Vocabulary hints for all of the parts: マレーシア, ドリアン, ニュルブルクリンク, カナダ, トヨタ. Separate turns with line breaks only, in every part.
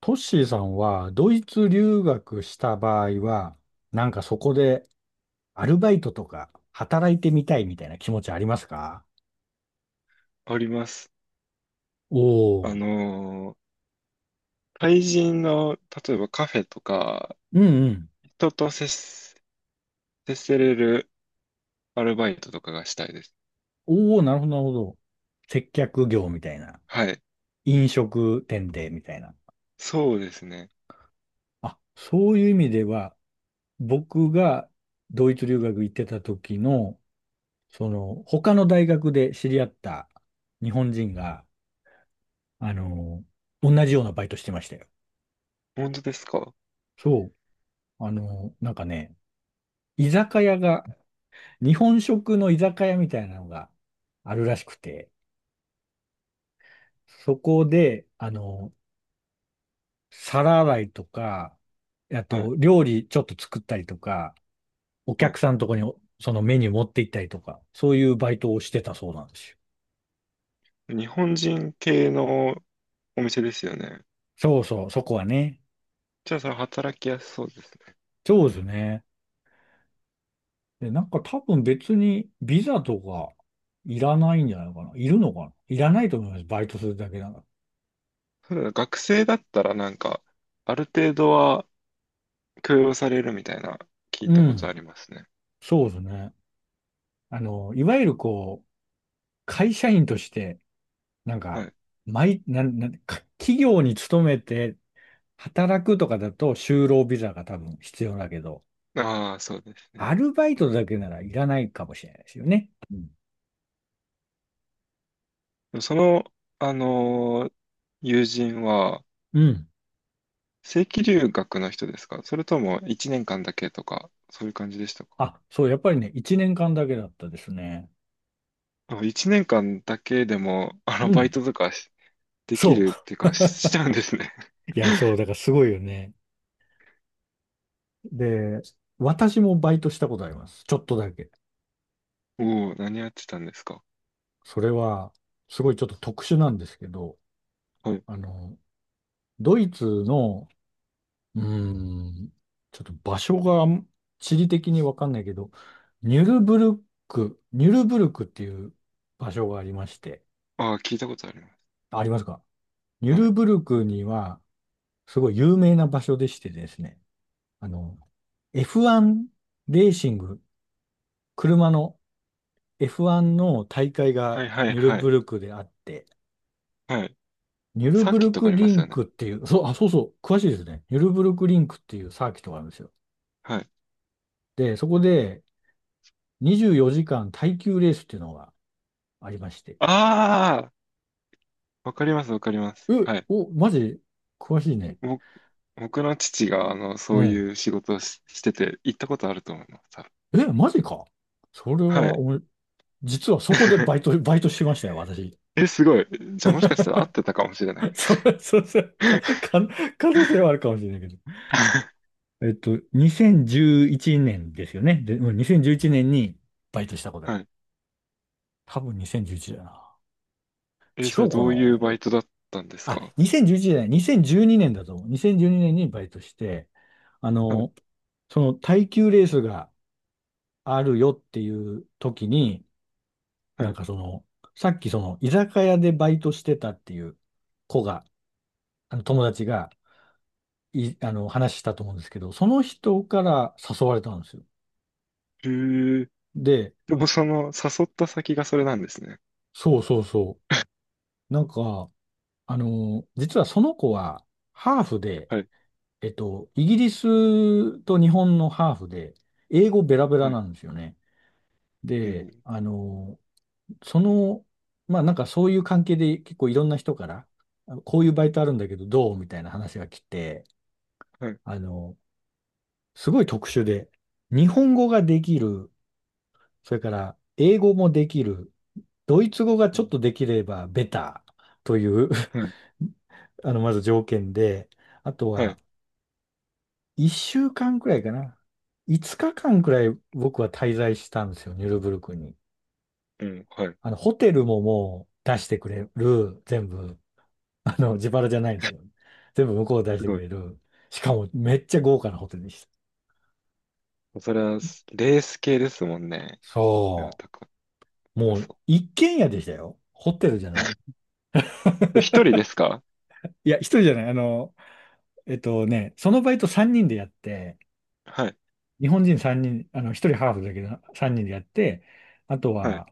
トッシーさんはドイツ留学した場合は、なんかそこでアルバイトとか働いてみたいみたいな気持ちありますか？
あります。
お
あ
お
の
ー。
ー、対人の、例えばカフェとか、
うんうん。
人と接す、接せれるアルバイトとかがしたいです。
おお、なるほど、なるほど。接客業みたいな。
はい。
飲食店でみたいな。
そうですね。
あ、そういう意味では、僕がドイツ留学行ってた時の、その、他の大学で知り合った日本人が、あの、同じようなバイトしてましたよ。
本当ですか？
そう。なんかね、居酒屋が、日本食の居酒屋みたいなのがあるらしくて、そこで、皿洗いとか、あ
はい。
と、料理ちょっと作ったりとか、お
はい。
客さんのとこにそのメニュー持って行ったりとか、そういうバイトをしてたそうなんですよ。
日本人系のお店ですよね。
そうそう、そこはね。
じゃあ、それ働きやすそうです。
そうですね。で、なんか多分別にビザとかいらないんじゃないかな。いるのかないらないと思います。バイトするだけなら。
ただ学生だったらなんか、ある程度は許容されるみたいな、聞い
う
たことあ
ん。
りますね。
そうですね。いわゆるこう、会社員として、なん
は
か、
い。
企業に勤めて働くとかだと就労ビザが多分必要だけど、
ああ、そうですね。
アルバイトだけならいらないかもしれないですよね。うん。
でもその、あのー友人は、
うん。
正規留学の人ですか？それとも1年間だけとか、そういう感じでしたか？
あ、そう、やっぱりね、1年間だけだったですね。
あ、1年間だけでも、あの、
う
バイ
ん。
トとかできるっ
そ
ていうか、しちゃうんですね。
う。いや、そう、だからすごいよね。で、私もバイトしたことあります。ちょっとだけ。
おお、何やってたんですか？
それは、すごいちょっと特殊なんですけど、
はい。
あの、ドイツのうーん。ちょっと場所が地理的にわかんないけど、ニュルブルクっていう場所がありまして、
ああ、聞いたことあります。
ありますか？ニュ
は
ル
い。
ブル
う
ク
ん、
には、すごい有名な場所でしてですね、あの、F1 レーシング、車の F1 の大会
は
が
いはい
ニュル
は
ブ
い。
ルクであって、
はい。
ニュル
サー
ブ
キッ
ル
トが
ク
ありま
リ
す
ン
よね。
クっていう、そう、あ、そうそう、詳しいですね。ニュルブルクリンクっていうサーキットがあるんですよ。
はい。
で、そこで24時間耐久レースっていうのがありまして。
ああ、わかりますわかります。
え、
はい。
お、マジ詳しいね。
ぼ僕の父が、あの、そ
う
う
ん。
いう仕事をし、してて、行ったことあると思います。多分。
え、マジか。それ
は
は、
い。
俺、実はそこでバイ ト、バイトしましたよ、私。
え、すごい。じゃあもしかしたら合ってたかもしれない。
そう、そう、そう、可能性は あるかもしれないけど。2011年ですよね。で、うん、2011年にバイトしたことだよ。
はい。
多分2011だな。
え、
違
それ
うか
ど
な
ういうバイトだったんです
あ、
か？
2011じゅういちじゃない、2年だと思う。2012年にねんにバイトして、あ
はい。
の、その耐久レースがあるよっていう時に、
は
なん
い。
かその、さっきその、居酒屋でバイトしてたっていう子が、あの友達がい、あの、話したと思うんですけど、その人から誘われたんですよ。
へえ。
で、
でもその、誘った先がそれなんですね。
そうそうそう。なんか、実はその子は、ハーフで、
はい。
イギリスと日本のハーフで、英語ベラベラ
は
な
い。
んですよね。
う
で、
ん。
その、まあなんかそういう関係で結構いろんな人から、こういうバイトあるんだけどどうみたいな話が来て、
はい。
あの、すごい特殊で、日本語ができる、それから英語もできる、ドイツ語が
う
ちょっ
ん。
とできればベターという
はい。
まず条件で、あと
は
は
い。
1週間くらいかな。5日間くらい僕は滞在したんですよ、ニュルブルクに。
うん。はい。
ホテルももう出してくれる、全部、自腹じゃないんですよ。全部向こうで出し
す
て
ご
く
い。
れる。しかもめっちゃ豪華なホテルでした。
それは、レース系ですもんね。それは
そう。
高
もう
そ
一軒家でしたよ。ホテルじゃ
う。
ない。
一人です か？
いや、一人じゃない。そのバイト3人でやって、
はい。
日本人3人、一人ハーフだけど3人でやって、あと
はい。
は、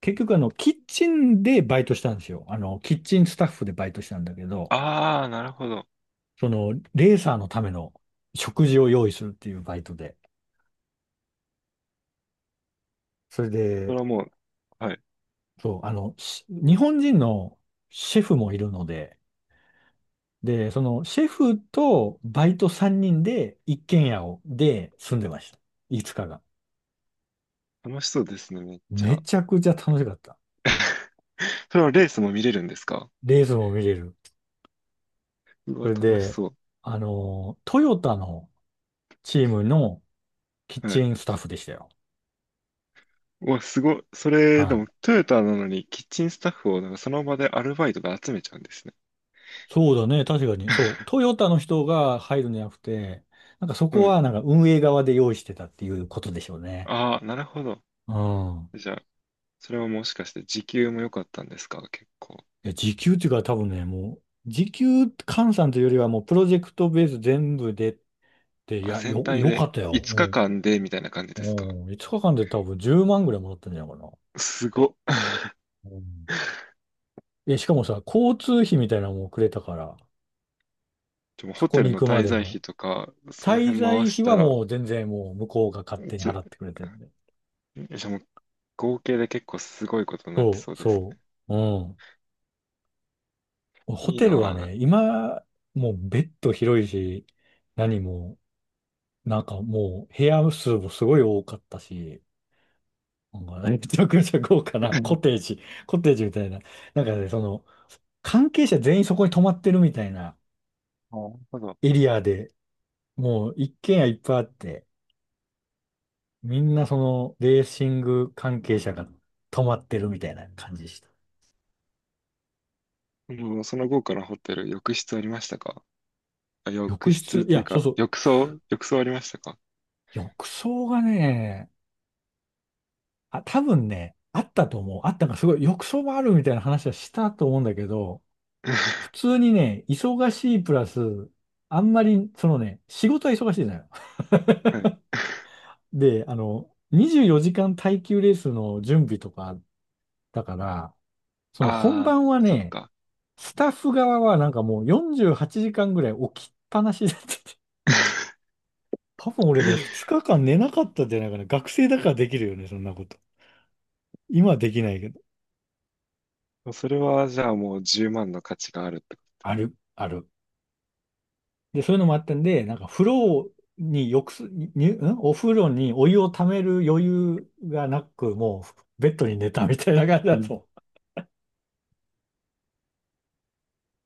結局キッチンでバイトしたんですよ。キッチンスタッフでバイトしたんだけど、
ああ、なるほど。
その、レーサーのための食事を用意するっていうバイトで。それ
そ
で、
れはもう、はい。
そう、日本人のシェフもいるので、で、そのシェフとバイト3人で一軒家で住んでました。いつ日が。
楽しそうですね、めっち
め
ゃ。
ちゃくちゃ楽しかった。
それはレースも見れるんですか？
レースも見れる。
うわ、
それ
楽し
で、
そう。
トヨタのチームのキッ
はい。
チンスタッフでしたよ。
うわ、すごい。それ、
は
で
い。
も、トヨタなのに、キッチンスタッフを、なんかその場でアルバイトで集めちゃうんですね。
そうだね。確かに。そう。ト ヨタの人が入るんじゃなくて、なんかそこ
はい。
はなんか運営側で用意してたっていうことでしょうね。
ああ、なるほど。
うん。
じゃあ、それはもしかして時給も良かったんですか？結構。
いや、時給っていうか多分ね、もう、時給換算というよりはもうプロジェクトベース全部で、い
あ、
や、
全
よ、
体
よかっ
で
たよ。
5日間
う
でみたいな感じですか？
ん。うん。5日間で多分10万ぐらいもらったんじゃないかな。
すごっ。
うん。え、しかもさ、交通費みたいなのもくれたから、
でも
そ
ホ
こ
テル
に
の
行くま
滞
で
在
の。
費とか、その
滞
辺回
在
し
費
た
は
ら、
もう全然もう向こうが勝手に
じ、
払ってくれてるんで。
じゃあもう合計で結構すごいことになって
そ
そ
う、
うですね。
そう。うん。ホ
いい
テルは
な
ね、今、もうベッド広いし、何も、なんかもう部屋数もすごい多かったし、なんかねめちゃくちゃ豪華
ぁ。
な
うん、な
コ
る
テージ、コテージみたいな。なんかね、その、関係者全員そこに泊まってるみたいな
ほど。
エリアで、もう一軒家いっぱいあって、みんなそのレーシング関係者が泊まってるみたいな感じでした。
もうその後からホテル、浴室ありましたか？あ、浴
浴室、
室
い
という
や、そ
か、
うそう。
浴槽ありましたか？
浴槽がね、あ、多分ね、あったと思う。あったか、すごい。浴槽もあるみたいな話はしたと思うんだけど、普 通にね、忙しいプラス、あんまり、そのね、仕事は忙しいじゃない。
はい。
で、24時間耐久レースの準備とかだから、そ
あ
の本
あ、
番は
そっ
ね、
か。
スタッフ側はなんかもう48時間ぐらい起きっぱなしだったて。多分俺ね、2 日間寝なかったんじゃないかな。学生だからできるよね、そんなこと。今はできないけど。
それは、じゃあもう10万の価値があるってこ
ある、ある。で、そういうのもあったんで、なんか風呂に浴す、に、にんお風呂にお湯をためる余裕がなく、もうベッドに寝たみたいな感じ
と。
だ
うん。
と。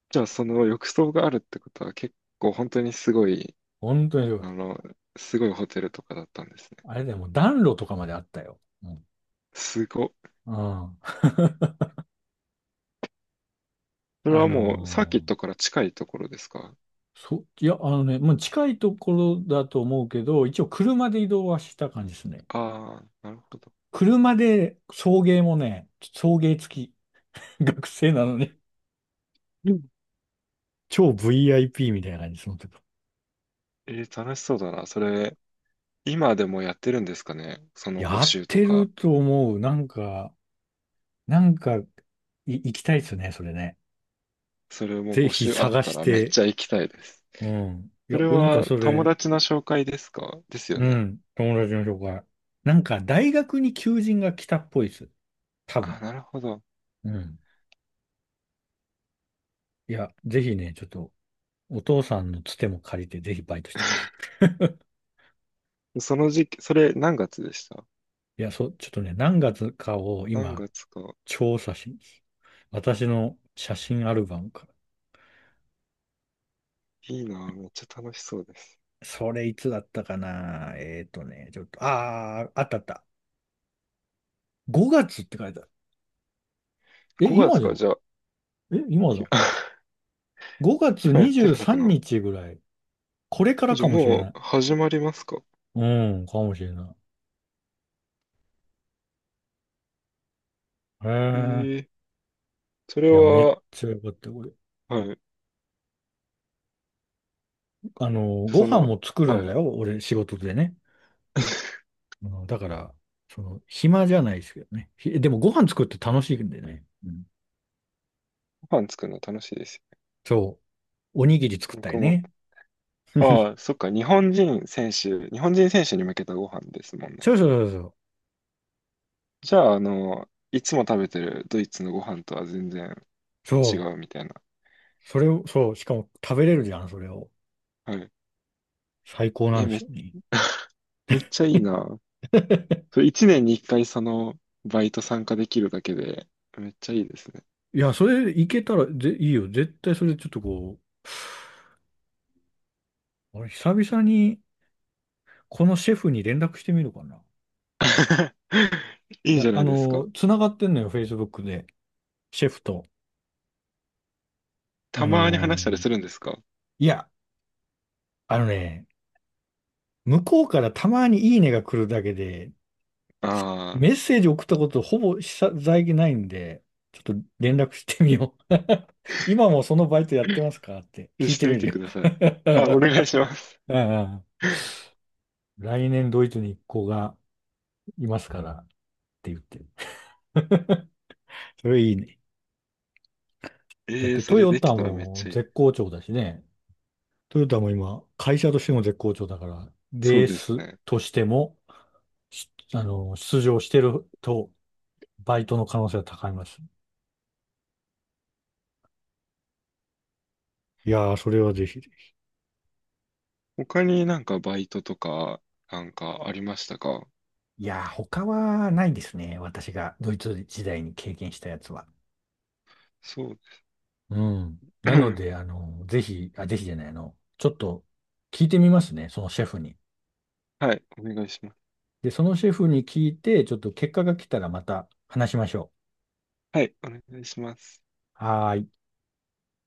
じゃあ、その浴槽があるってことは、結構本当にすごい、
本当に、
あの、すごいホテルとかだったんですね。
あれだよ、もう暖炉とかまであったよ。うん。
すご。
うん。
それ
あ
はもう、サーキッ
の
ト
ー
から近いところですか？
そいや、もう近いところだと思うけど、一応車で移動はした感じですね。
ああー、なるほど。
車で送迎もね、送迎付き。学生なのに。
うん。
超 VIP みたいな感じ、その時。
えー、楽しそうだな。それ、今でもやってるんですかね、その募
やっ
集と
てる
か。
と思う。なんか、行きたいですね、それね。
それも
ぜ
募
ひ
集あっ
探
た
し
らめっ
て。
ちゃ行きたいです。
うん。い
そ
や、
れ
お、なんか
は
そ
友
れ、
達の紹介ですか？ですよ
う
ね。
ん、友達の紹介。なんか、大学に求人が来たっぽいです。多
あ、
分。
なるほど。
うん。いや、ぜひね、ちょっとお父さんのつても借りて、ぜひバイトしてくださ い。
その時期、それ何月でした？
いや、そう、ちょっとね、何月かを
何
今、
月か？
調査しに私の写真アルバムから。
いいなぁ、めっちゃ楽しそうです。
それいつだったかな、ちょっと、あったあった。5月って書いてある。え、
5
今
月
じゃ
か、
ん。
じゃあ、
え、今
い
だ。5 月
今やって
23
るのかな？
日ぐらい。これから
じゃ
か
あ
もしれ
も
ない。
う始まりますか？
うん、かもしれない。へ
え
え。
ー、それ
いや、めっ
は、
ちゃよかった、これ。
はい。じゃあ
ご飯も作るん
は
だ
い。
よ、俺、仕事でね。だから、暇じゃないですけどね。でもご飯作って楽しいんでね。うん、
ご飯作るの楽しいですよ
そう。おにぎり作っ
ね。
たりね。
ああ、そっか、日本人選手に向けたご飯ですもんね。
そうそうそうそう。
じゃあ、あの、いつも食べてるドイツのご飯とは全然
そ
違うみたいな。
う。それを、そう。しかも食べれるじゃん、それを。
はい。
最高な
え、
んですよね。
めっちゃいい な。それ一年に一回そのバイト参加できるだけで、めっちゃいいですね。
いや、それいけたらいいよ。絶対それちょっとこう、俺久々にこのシェフに連絡してみるかな。
い
い
いじ
や、
ゃないですか。
つながってんのよ、Facebook で。シェフと。
た
あ
まに
の
話したり
ー
するんですか？
いや、あのね、向こうからたまにいいねが来るだけで、
ああ
メッセージ送ったことほぼ久々ないんで、ちょっと連絡してみよう。今もそのバイトやってますかって
ー、
聞い
し
て
て
み
みてく
る
ださい。あ、お
よ。
願いします。
うんうん。 来年ドイツに一行がいますからって言って。それいいね。だっ
ええー、
て
そ
ト
れ
ヨ
でき
タ
たらめっ
も
ちゃいい。
絶好調だしね。トヨタも今、会社としても絶好調だから、
そ
レ
う
ー
です
ス
ね。
としても、しあの、出場してると、バイトの可能性は高います。いやー、それはぜひ。
他になんかバイトとか、なんかありましたか？
いやー、他はないですね。私がドイツ時代に経験したやつは。
そう。
うん。なので、ぜひ、あ、ぜひじゃない、ちょっと聞いてみますね。そのシェフに。
はい、お願いします。
で、そのシェフに聞いて、ちょっと結果が来たらまた話しましょ
はい、お願いします。
う。はーい。